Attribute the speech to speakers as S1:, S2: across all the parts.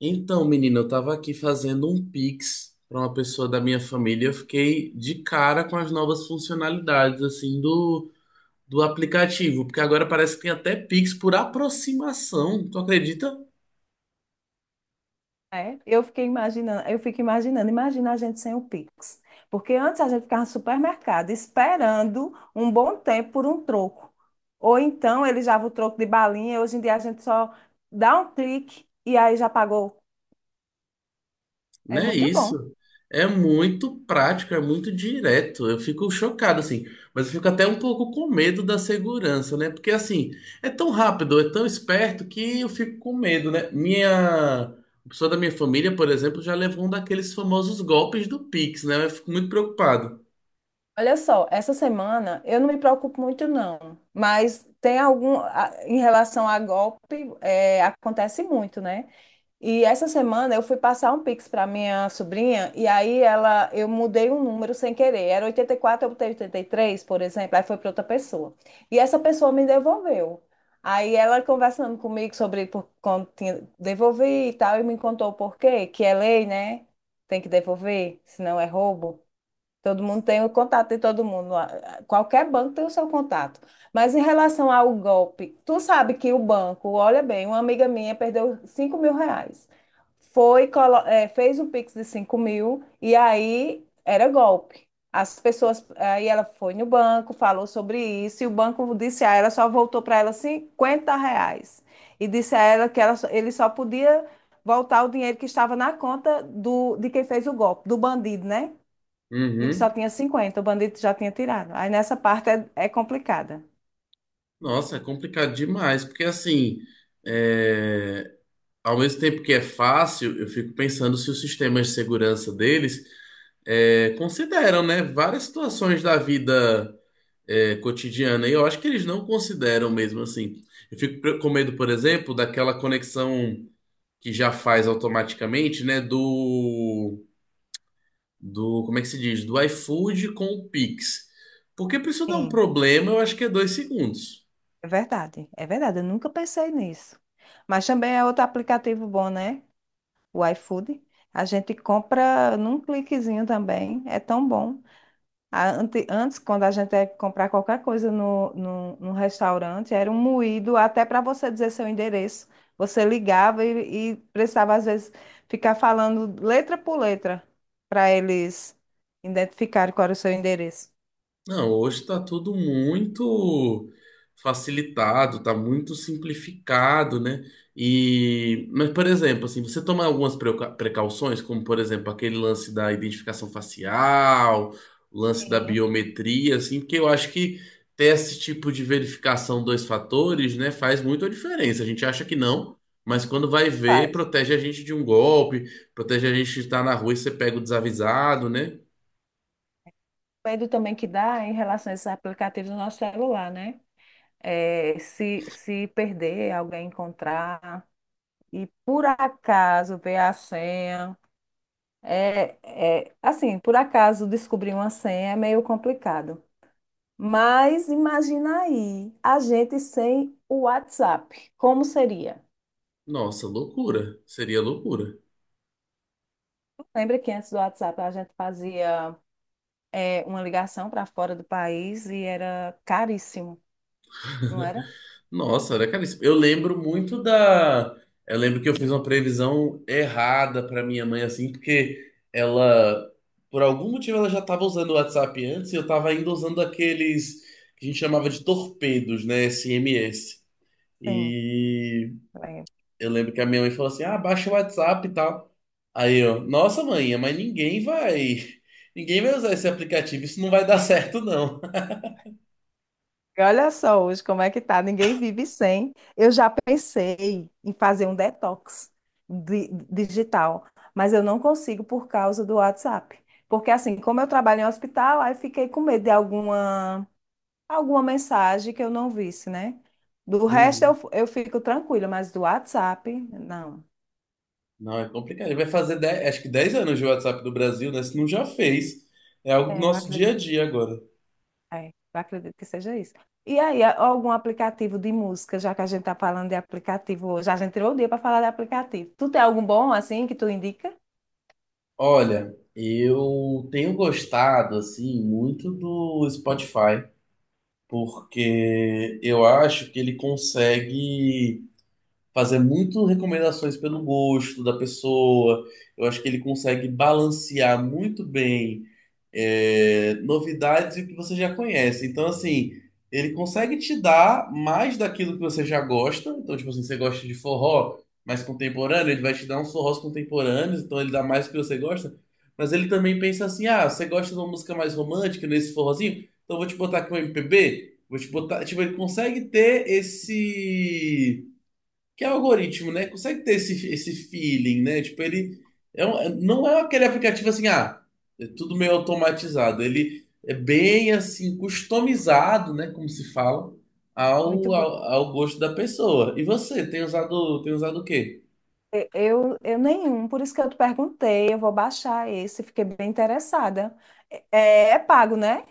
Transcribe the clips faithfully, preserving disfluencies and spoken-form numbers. S1: Então, menina, eu tava aqui fazendo um Pix para uma pessoa da minha família. Eu fiquei de cara com as novas funcionalidades assim do do aplicativo, porque agora parece que tem até Pix por aproximação. Tu acredita?
S2: É, eu fiquei imaginando, eu fico imaginando, imagina a gente sem o Pix. Porque antes a gente ficava no supermercado esperando um bom tempo por um troco. Ou então ele já o troco de balinha, hoje em dia a gente só dá um clique e aí já pagou. É
S1: Não é
S2: muito bom.
S1: isso. É muito prático, é muito direto. Eu fico chocado, assim. Mas eu fico até um pouco com medo da segurança, né? Porque, assim, é tão rápido, é tão esperto que eu fico com medo, né? Minha. Uma pessoa da minha família, por exemplo, já levou um daqueles famosos golpes do Pix, né? Eu fico muito preocupado.
S2: Olha só, essa semana eu não me preocupo muito não, mas tem algum, a- em relação a golpe, é, acontece muito, né? E essa semana eu fui passar um Pix para minha sobrinha e aí ela eu mudei um número sem querer. Era oitenta e quatro, eu botei oitenta e três, por exemplo, aí foi para outra pessoa. E essa pessoa me devolveu. Aí ela conversando comigo sobre por quando tinha, devolvi e tal, e me contou o porquê, que é lei, né? Tem que devolver, senão é roubo. Todo mundo tem o contato de todo mundo. A- a- Qualquer banco tem o seu contato. Mas em relação ao golpe, tu sabe que o banco, olha bem, uma amiga minha perdeu cinco mil reais. Foi, colo- eh, fez o Pix de cinco mil e aí era golpe. As pessoas, aí ela foi no banco, falou sobre isso, e o banco disse a ela, só voltou para ela cinquenta reais. E disse a ela que ela, só- ele só podia voltar o dinheiro que estava na conta do, de quem fez o golpe, do bandido, né? E só
S1: Uhum.
S2: tinha cinquenta, o bandido já tinha tirado. Aí nessa parte é, é complicada.
S1: Nossa, é complicado demais, porque assim, é, ao mesmo tempo que é fácil, eu fico pensando se os sistemas de segurança deles é, consideram, né, várias situações da vida é, cotidiana. E eu acho que eles não consideram mesmo assim. Eu fico pre- com medo, por exemplo, daquela conexão que já faz automaticamente, né, do, do, como é que se diz? Do iFood com o Pix. Porque para isso dar um
S2: Sim.
S1: problema, eu acho que é dois segundos.
S2: É verdade, é verdade. Eu nunca pensei nisso. Mas também é outro aplicativo bom, né? O iFood. A gente compra num cliquezinho também. É tão bom. A- ante- Antes, quando a gente ia comprar qualquer coisa no, no, no restaurante, era um moído até para você dizer seu endereço. Você ligava e, e precisava, às vezes, ficar falando letra por letra para eles identificarem qual era o seu endereço.
S1: Não, hoje está tudo muito facilitado, está muito simplificado, né? E, mas, por exemplo, assim, você toma algumas preuca- precauções, como, por exemplo, aquele lance da identificação facial, o lance da
S2: Sim,
S1: biometria, assim, porque eu acho que ter esse tipo de verificação dois fatores, né, faz muita diferença. A gente acha que não, mas quando vai
S2: isso
S1: ver,
S2: faz.
S1: protege a gente de um golpe, protege a gente de estar na rua e você pega o desavisado, né?
S2: O medo também que dá em relação a esses aplicativos no nosso celular, né? É, se, se perder, alguém encontrar e por acaso ver a senha. É, é, assim, por acaso descobrir uma senha é meio complicado. Mas imagina aí, a gente sem o WhatsApp, como seria?
S1: Nossa, loucura. Seria loucura.
S2: Lembra que antes do WhatsApp a gente fazia é, uma ligação para fora do país e era caríssimo, não era?
S1: Nossa, era caríssimo. Eu lembro muito da. Eu lembro que eu fiz uma previsão errada pra minha mãe, assim, porque ela, por algum motivo, ela já tava usando o WhatsApp antes e eu tava ainda usando aqueles que a gente chamava de torpedos, né? S M S.
S2: Sim,
S1: E eu lembro que a minha mãe falou assim: ah, baixa o WhatsApp e tal. Aí eu, nossa, mãe, mas ninguém vai. Ninguém vai usar esse aplicativo, isso não vai dar certo, não.
S2: e olha só hoje como é que tá, ninguém vive sem. Eu já pensei em fazer um detox di- digital, mas eu não consigo por causa do WhatsApp. Porque assim, como eu trabalho em hospital, aí fiquei com medo de alguma, alguma mensagem que eu não visse, né? Do resto
S1: Uhum.
S2: eu, eu fico tranquila, mas do WhatsApp, não.
S1: Não, é complicado. Ele vai fazer dez, acho que dez anos de WhatsApp do Brasil, né? Se não já fez. É algo do
S2: É, eu
S1: nosso dia a
S2: acredito.
S1: dia agora.
S2: É, eu acredito que seja isso. E aí, a- algum aplicativo de música, já que a gente está falando de aplicativo hoje, a gente tirou o dia para falar de aplicativo. Tu tem algum bom, assim, que tu indica?
S1: Olha, eu tenho gostado, assim, muito do Spotify, porque eu acho que ele consegue fazer muito recomendações pelo gosto da pessoa. Eu acho que ele consegue balancear muito bem é, novidades e o que você já conhece. Então, assim, ele consegue te dar mais daquilo que você já gosta. Então, tipo assim, você gosta de forró mais contemporâneo, ele vai te dar uns forrós contemporâneos, então ele dá mais do que você gosta. Mas ele também pensa assim: ah, você gosta de uma música mais romântica nesse forrozinho? Então eu vou te botar aqui um M P B, vou te botar. Tipo, ele consegue ter esse que é o algoritmo, né? Consegue ter esse, esse feeling, né? Tipo, ele é um- é- não é aquele aplicativo assim, ah, é tudo meio automatizado. Ele é bem assim, customizado, né? Como se fala,
S2: Muito
S1: ao,
S2: bom.
S1: ao, ao gosto da pessoa. E você, tem usado, tem usado o quê?
S2: E- Eu, eu nenhum, por isso que eu te perguntei, eu vou baixar esse, fiquei bem interessada. É, é pago, né?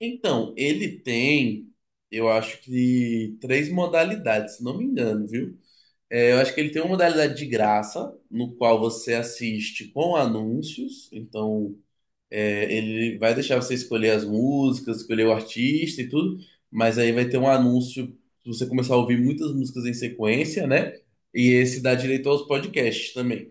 S1: Então, ele tem, eu acho que três modalidades, se não me engano, viu? É, eu acho que ele tem uma modalidade de graça, no qual você assiste com anúncios, então. É, ele vai deixar você escolher as músicas, escolher o artista e tudo, mas aí vai ter um anúncio, se você começar a ouvir muitas músicas em sequência, né? E esse dá direito aos podcasts também.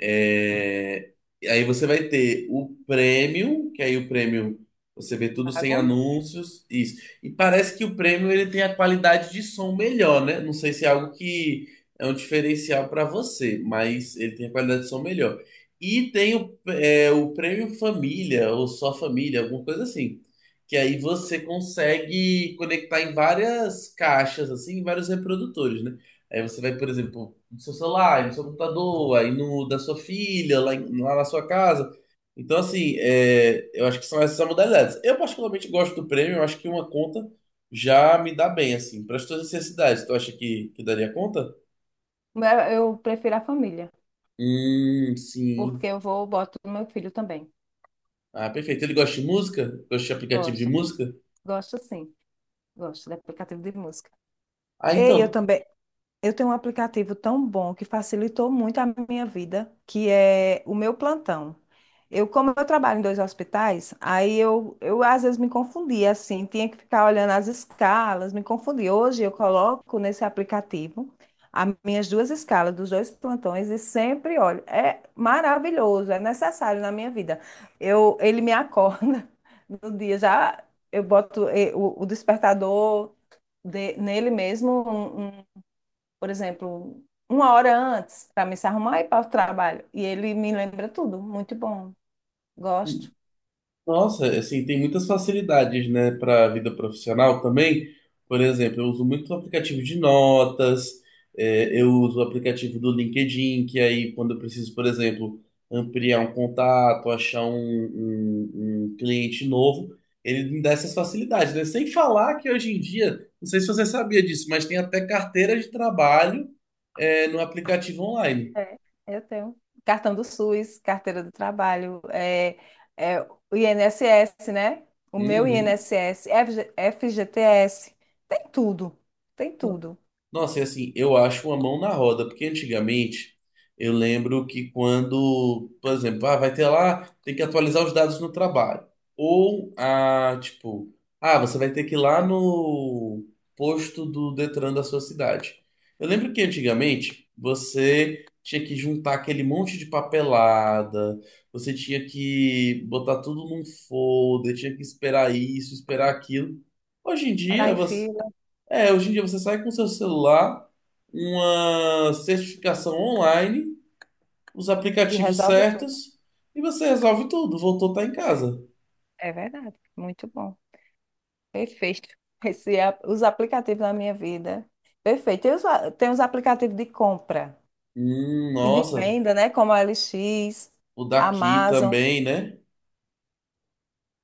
S1: É, Aí você vai ter o prêmio, que aí o prêmio você vê tudo sem
S2: Pago.
S1: anúncios, isso. E parece que o prêmio ele tem a qualidade de som melhor, né? Não sei se é algo que é um diferencial para você, mas ele tem a qualidade de som melhor. E tem o, é, o prêmio família, ou só família, alguma coisa assim. Que aí você consegue conectar em várias caixas, assim, em vários reprodutores, né? Aí você vai, por exemplo, no seu celular, aí no seu computador, aí no da sua filha, lá, em- lá na sua casa. Então, assim, é, eu acho que são essas as modalidades. Eu particularmente gosto do prêmio, eu acho que uma conta já me dá bem, assim, para as tuas necessidades. Tu acha que, que daria conta?
S2: Mas eu prefiro a família,
S1: Hum, sim.
S2: porque eu vou, boto no meu filho também.
S1: Ah, perfeito. Ele gosta de música? Gosta de aplicativo de
S2: Gosta,
S1: música?
S2: gosta sim, gosta de aplicativo de música.
S1: Ah,
S2: Ei, eu
S1: então.
S2: também. Eu tenho um aplicativo tão bom que facilitou muito a minha vida, que é o meu plantão. Eu, como eu trabalho em dois hospitais, aí eu, eu às vezes me confundia, assim, tinha que ficar olhando as escalas, me confundia. Hoje eu coloco nesse aplicativo as minhas duas escalas dos dois plantões e sempre olho. É maravilhoso, é necessário na minha vida. Eu, ele me acorda no dia, já eu boto eh, o, o despertador de- nele mesmo, um, um por exemplo, uma hora antes para me se arrumar e ir para o trabalho. E ele me lembra tudo. Muito bom. Gosto.
S1: Nossa, assim, tem muitas facilidades, né, para a vida profissional também. Por exemplo, eu uso muito o aplicativo de notas, é, eu uso o aplicativo do LinkedIn, que aí quando eu preciso, por exemplo, ampliar um contato, achar um, um- um cliente novo, ele me dá essas facilidades, né? Sem falar que hoje em dia, não sei se você sabia disso, mas tem até carteira de trabalho, é, no aplicativo online.
S2: É, eu tenho. Cartão do SUS, carteira do trabalho, é, é, o I N S S, né? O meu
S1: Uhum.
S2: I N S S, FG F G T S, tem tudo. Tem tudo.
S1: Nossa, e assim, eu acho uma mão na roda, porque antigamente eu lembro que quando, por exemplo, ah, vai ter lá, tem que atualizar os dados no trabalho. Ou, ah, tipo, ah, você vai ter que ir lá no posto do Detran da sua cidade. Eu lembro que antigamente você tinha que juntar aquele monte de papelada, você tinha que botar tudo num folder, tinha que esperar isso, esperar aquilo. Hoje em
S2: Esperar
S1: dia,
S2: em
S1: você
S2: fila
S1: é, hoje em dia você sai com seu celular, uma certificação online, os
S2: e
S1: aplicativos
S2: resolve tudo.
S1: certos e você resolve tudo. Voltou, tá em casa.
S2: É verdade. Muito bom. Perfeito. Esse, é a- os aplicativos na minha vida. Perfeito. Tem os, a- tem os aplicativos de compra.
S1: Hum,
S2: E de
S1: nossa,
S2: venda, né? Como a L X,
S1: o daqui
S2: Amazon.
S1: também, né?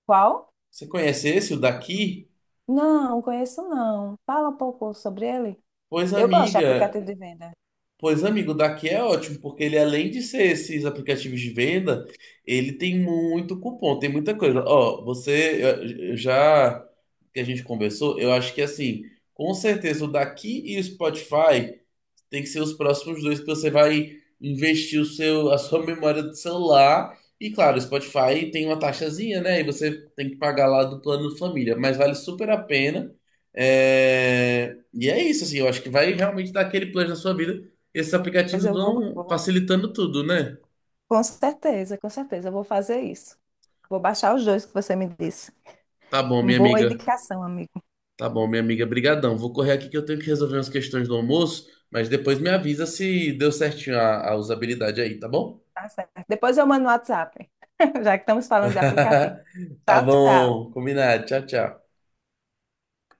S2: Qual?
S1: Você conhece esse, o daqui?
S2: Não, conheço não. Fala um pouco sobre ele.
S1: Pois
S2: Eu gosto de
S1: amiga,
S2: aplicativo de venda.
S1: pois amigo, o daqui é ótimo, porque ele além de ser esses aplicativos de venda, ele tem muito cupom, tem muita coisa. Ó, você eu- eu já que a gente conversou, eu acho que assim, com certeza o daqui e o Spotify tem que ser os próximos dois que você vai investir o seu, a sua memória do celular. E claro, o Spotify tem uma taxazinha, né? E você tem que pagar lá do plano família, mas vale super a pena. É, E é isso, assim, eu acho que vai realmente dar aquele plano na sua vida. Esses
S2: Pois
S1: aplicativos
S2: eu vou,
S1: vão
S2: vou-
S1: facilitando tudo, né?
S2: Com certeza, com certeza, eu vou fazer isso. Vou baixar os dois que você me disse.
S1: Tá bom, minha
S2: Boa
S1: amiga.
S2: indicação, amigo.
S1: Tá bom, minha amiga. Brigadão. Vou correr aqui que eu tenho que resolver umas questões do almoço, mas depois me avisa se deu certinho a a usabilidade aí, tá bom?
S2: Tá certo. Depois eu mando no WhatsApp, já que estamos falando de aplicativo.
S1: Tá
S2: Tchau, tchau.
S1: bom, combinado. Tchau, tchau.